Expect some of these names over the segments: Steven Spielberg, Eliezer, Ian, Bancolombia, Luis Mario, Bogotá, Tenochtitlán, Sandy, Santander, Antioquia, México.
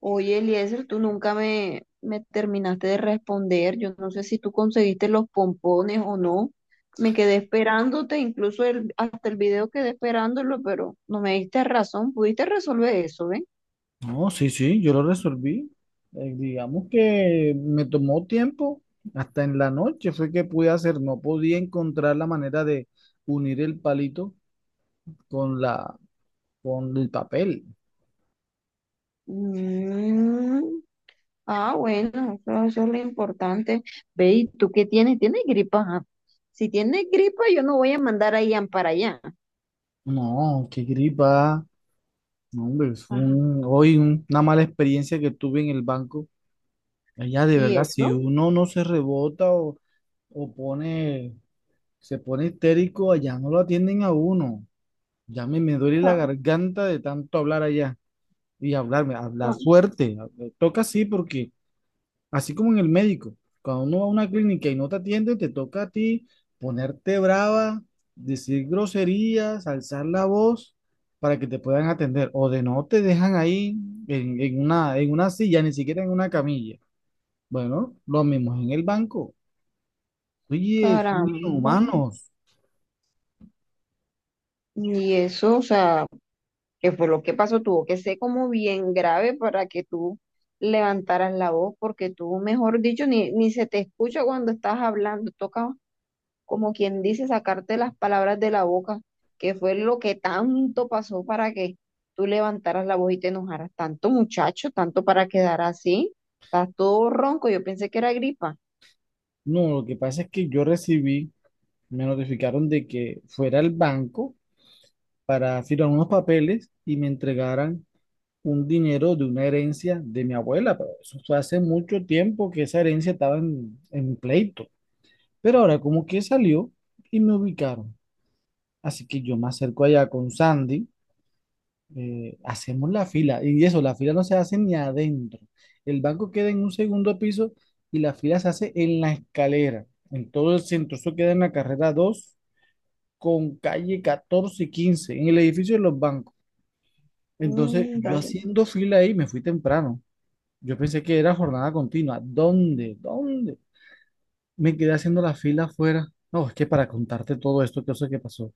Oye, Eliezer, tú nunca me terminaste de responder. Yo no sé si tú conseguiste los pompones o no. Me quedé esperándote, incluso hasta el video quedé esperándolo, pero no me diste razón. Pudiste resolver eso, ¿ve? No, sí, sí, yo lo resolví. Digamos que me tomó tiempo, hasta en la noche fue que pude hacer, no podía encontrar la manera de unir el palito con la, con el papel. Mm, ah, bueno, eso es lo importante. Ve, ¿y tú qué tienes? ¿Tienes gripa? Ajá. Si tienes gripa, yo no voy a mandar a Ian para allá. No, qué gripa. No, hombre, fue Ajá. un- hoy un- una mala experiencia que tuve en el banco. Allá de ¿Y verdad, si eso? uno no se rebota o, o pone, se pone histérico, allá no lo atienden a uno. Me duele la Ca- garganta de tanto hablar allá y hablar ca- fuerte. Toca así porque, así como en el médico, cuando uno va a una clínica y no te atienden, te toca a ti ponerte brava, decir groserías, alzar la voz para que te puedan atender. O de no te dejan ahí en una en una, silla, ni siquiera en una camilla. Bueno, lo mismo es en el banco. Oye, son Caramba. humanos. Y eso, o sea, que fue lo que pasó, tuvo que ser como bien grave para que tú levantaras la voz, porque tú, mejor dicho, ni se te escucha cuando estás hablando, toca como quien dice sacarte las palabras de la boca, que fue lo que tanto pasó para que tú levantaras la voz y te enojaras, tanto muchacho, tanto para quedar así, estás todo ronco, yo pensé que era gripa. No, lo que pasa es que me notificaron de que fuera al banco para firmar unos papeles y me entregaran un dinero de una herencia de mi abuela, pero eso fue hace mucho tiempo que esa herencia estaba en pleito. Pero ahora como que salió y me ubicaron. Así que yo me acerco allá con Sandy, hacemos la fila, y eso, la fila no se hace ni adentro. El banco queda en un segundo piso y la fila se hace en la escalera, en todo el centro. Eso queda en la carrera 2 con calle 14 y 15 en el edificio de los bancos. Entonces, Mm, yo dale. haciendo fila ahí, me fui temprano. Yo pensé que era jornada continua. ¿Dónde? ¿Dónde? Me quedé haciendo la fila afuera. No, es que para contarte todo esto, qué cosa que pasó.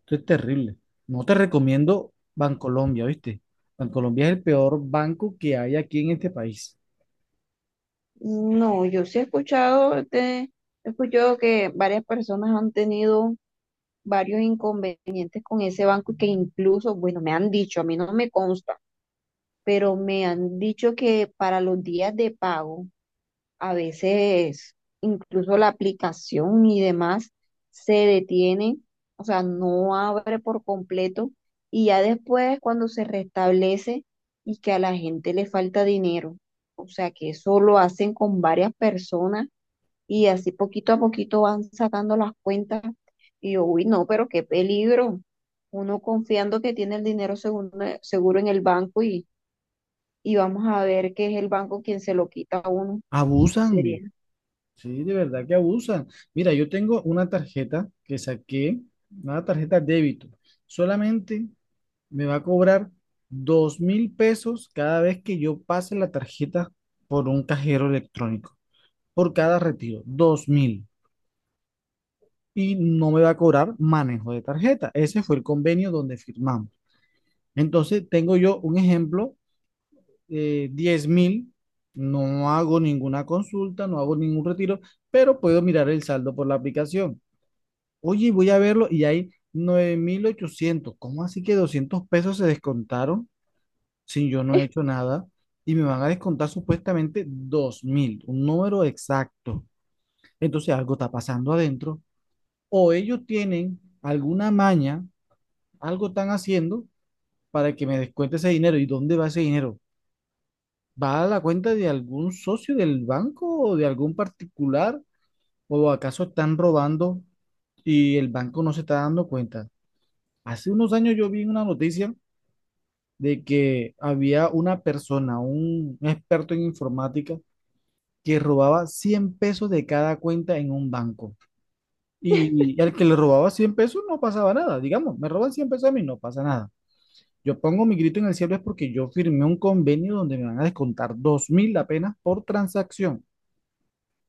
Esto es terrible. No te recomiendo Bancolombia, ¿viste? Bancolombia es el peor banco que hay aquí en este país. No, yo sí he escuchado, he escuchado que varias personas han tenido varios inconvenientes con ese banco y que incluso, bueno, me han dicho, a mí no me consta, pero me han dicho que para los días de pago, a veces incluso la aplicación y demás se detiene, o sea, no abre por completo y ya después cuando se restablece y que a la gente le falta dinero, o sea, que eso lo hacen con varias personas y así poquito a poquito van sacando las cuentas. Y yo, uy, no, pero qué peligro. Uno confiando que tiene el dinero seguro, seguro en el banco y vamos a ver que es el banco quien se lo quita a uno. Sería, Abusan. Sí, de verdad que abusan. Mira, yo tengo una tarjeta que saqué, una tarjeta débito. Solamente me va a cobrar 2.000 pesos cada vez que yo pase la tarjeta por un cajero electrónico. Por cada retiro, 2.000. Y no me va a cobrar manejo de tarjeta. Ese fue el convenio donde firmamos. Entonces, tengo yo un ejemplo, 10.000. No hago ninguna consulta, no hago ningún retiro, pero puedo mirar el saldo por la aplicación. Oye, voy a verlo y hay 9.800. ¿Cómo así que 200 pesos se descontaron si yo no he hecho nada? Y me van a descontar supuestamente 2.000, un número exacto. Entonces algo está pasando adentro, o ellos tienen alguna maña, algo están haciendo para que me descuente ese dinero. ¿Y dónde va ese dinero? ¿Va a la cuenta de algún socio del banco o de algún particular? ¿O acaso están robando y el banco no se está dando cuenta? Hace unos años yo vi una noticia de que había una persona, un experto en informática, que robaba 100 pesos de cada cuenta en un banco. Y al que le robaba 100 pesos no pasaba nada. Digamos, me roban 100 pesos a mí, no pasa nada. Yo pongo mi grito en el cielo es porque yo firmé un convenio donde me van a descontar 2.000 apenas por transacción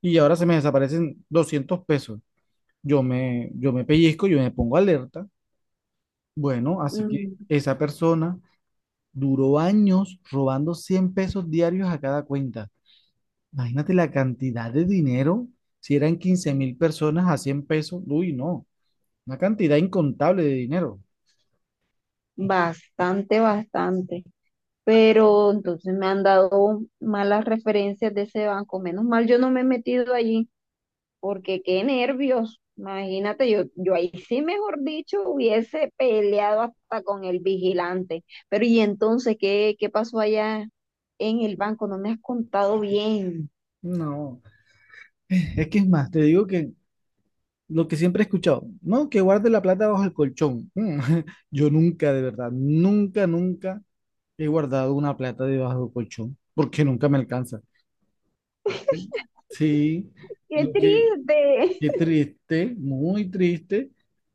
y ahora se me desaparecen 200 pesos. Yo me pellizco, yo me pongo alerta. Bueno, así que mm, esa persona duró años robando 100 pesos diarios a cada cuenta. Imagínate la cantidad de dinero. Si eran 15.000 personas a 100 pesos, uy, no, una cantidad incontable de dinero. bastante, bastante. Pero entonces me han dado malas referencias de ese banco. Menos mal yo no me he metido allí porque qué nervios. Imagínate, yo ahí sí, mejor dicho, hubiese peleado hasta con el vigilante. Pero ¿y entonces qué pasó allá en el banco? No me has contado bien. No, es que es más, te digo que lo que siempre he escuchado, no, que guarde la plata bajo el colchón. Yo nunca, de verdad, nunca, nunca he guardado una plata debajo del colchón, porque nunca me alcanza. Sí, ¡Qué lo que, triste! qué triste, muy triste.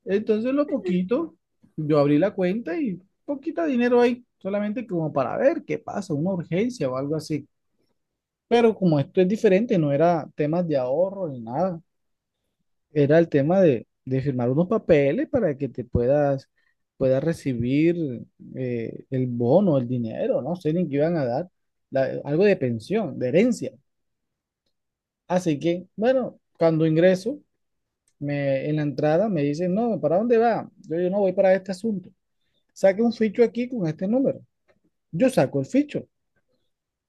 Entonces, lo poquito, yo abrí la cuenta y poquito dinero ahí, solamente como para ver qué pasa, una urgencia o algo así. Pero como esto es diferente, no era temas de ahorro ni nada. Era el tema de firmar unos papeles para que puedas recibir el bono, el dinero, no sé ni qué iban a dar, algo de pensión, de herencia. Así que, bueno, cuando ingreso, en la entrada me dicen, no, ¿para dónde va? Yo no voy para este asunto. Saque un ficho aquí con este número. Yo saco el ficho.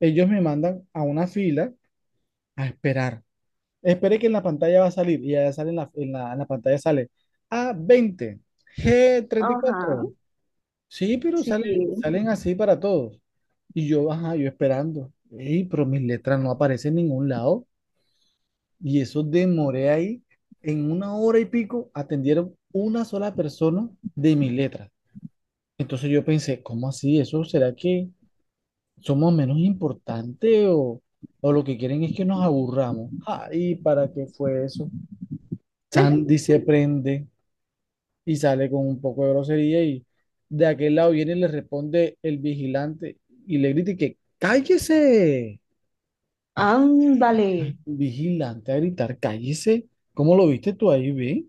Ellos me mandan a una fila a esperar. Esperé que en la pantalla va a salir y ya sale en la pantalla sale a veinte g treinta y Ajá, cuatro Sí, pero sí. sale, salen así para todos. Y yo, ajá, yo esperando. Ey, pero mis letras no aparecen en ningún lado. Y eso demoré ahí. En una hora y pico atendieron una sola persona de mis letras. Entonces yo pensé, ¿cómo así? ¿Eso será que somos menos importantes o lo que quieren es que nos aburramos? Ay, ¿para qué fue eso? Sandy se prende y sale con un poco de grosería y de aquel lado viene y le responde el vigilante y le grita y que cállese. Ándale, Ay, un vigilante a gritar, cállese. ¿Cómo lo viste tú ahí, ve?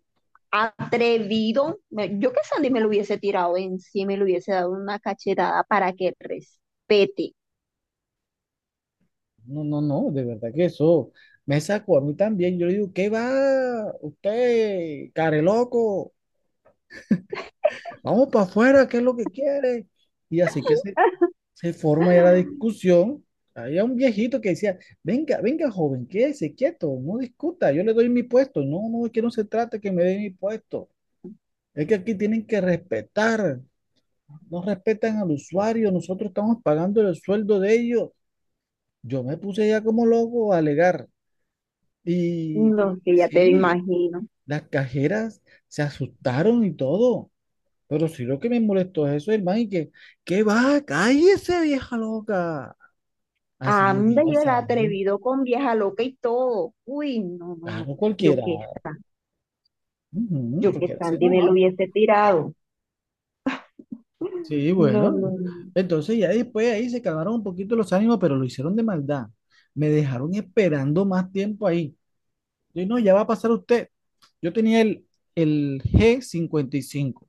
atrevido. Me- Yo que Sandy me lo hubiese tirado encima y le hubiese dado una cachetada para que respete. No, no, no, de verdad que eso me sacó a mí también. Yo le digo, ¿qué va? Usted, care loco, vamos para afuera, ¿qué es lo que quiere? Y así que se forma ya la discusión. Había un viejito que decía, venga, venga joven, quédese quieto, no discuta, yo le doy mi puesto. No, no, es que no se trata que me dé mi puesto. Es que aquí tienen que respetar, no respetan al usuario, nosotros estamos pagando el sueldo de ellos. Yo me puse ya como loco a alegar. Y No, que ya te sí, imagino. las cajeras se asustaron y todo. Pero sí lo que me molestó es eso, hermano, ¿qué va? Cállese, vieja loca. Así lo Anda y el pasa, atrevido con vieja loca y todo. Uy, no, no, no. claro, Yo cualquiera. que, Ujú, yo que cualquiera. Sandy me lo Ajá. hubiese tirado. Sí, No, no, bueno. no. Entonces ya después ahí se calmaron un poquito los ánimos, pero lo hicieron de maldad. Me dejaron esperando más tiempo ahí. Yo no, ya va a pasar usted. Yo tenía el G55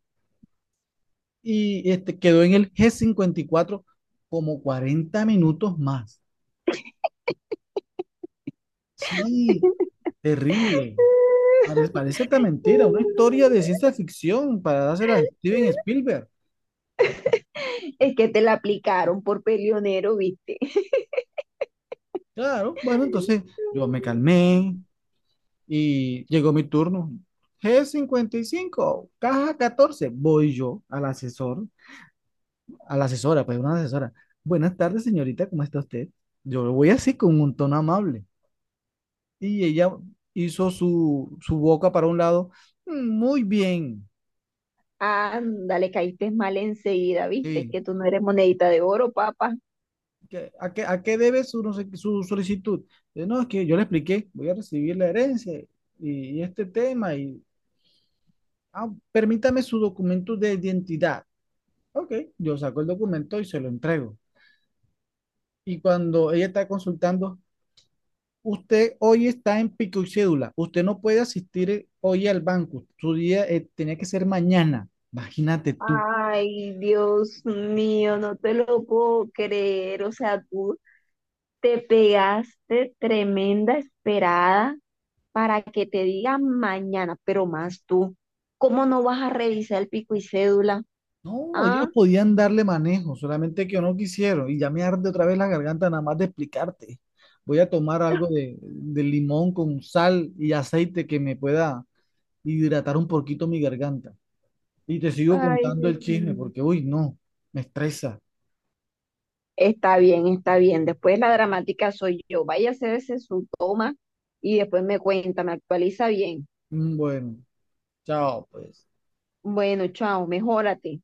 y este quedó en el G54 como 40 minutos más. Sí, terrible. Parece, parece esta mentira, una historia de ciencia ficción para dársela a Steven Spielberg. Es que te la aplicaron por peleonero, ¿viste? Claro, bueno, entonces yo me calmé y llegó mi turno. G55, caja 14, voy yo al asesor, a la asesora, pues una asesora. Buenas tardes, señorita, ¿cómo está usted? Yo lo voy así con un tono amable. Y ella hizo su boca para un lado. "Mm, muy bien. Anda, le caíste mal enseguida, ¿viste? Es Sí. que tú no eres monedita de oro, papá. ¿A a qué debe su, no sé qué, su solicitud? Yo, no, es que yo le expliqué, voy a recibir la herencia y, y este tema Ah, permítame su documento de identidad. Ok, yo saco el documento y se lo entrego. Y cuando ella está consultando, usted hoy está en pico y cédula, usted no puede asistir hoy al banco, su día tenía que ser mañana. Imagínate tú. Ay, Dios mío, no te lo puedo creer. O sea, tú te pegaste tremenda esperada para que te digan mañana, pero más tú, ¿cómo no vas a revisar el pico y cédula? No, Ah, ellos podían darle manejo, solamente que no quisieron. Y ya me arde otra vez la garganta nada más de explicarte. Voy a tomar algo de limón con sal y aceite que me pueda hidratar un poquito mi garganta. Y te sigo ay, contando Dios el chisme mío. porque, uy, no, me estresa. Está bien, está bien. Después la dramática soy yo. Vaya a hacerse su toma y después me cuenta, me actualiza bien. Bueno, chao, pues. Bueno, chao, mejórate.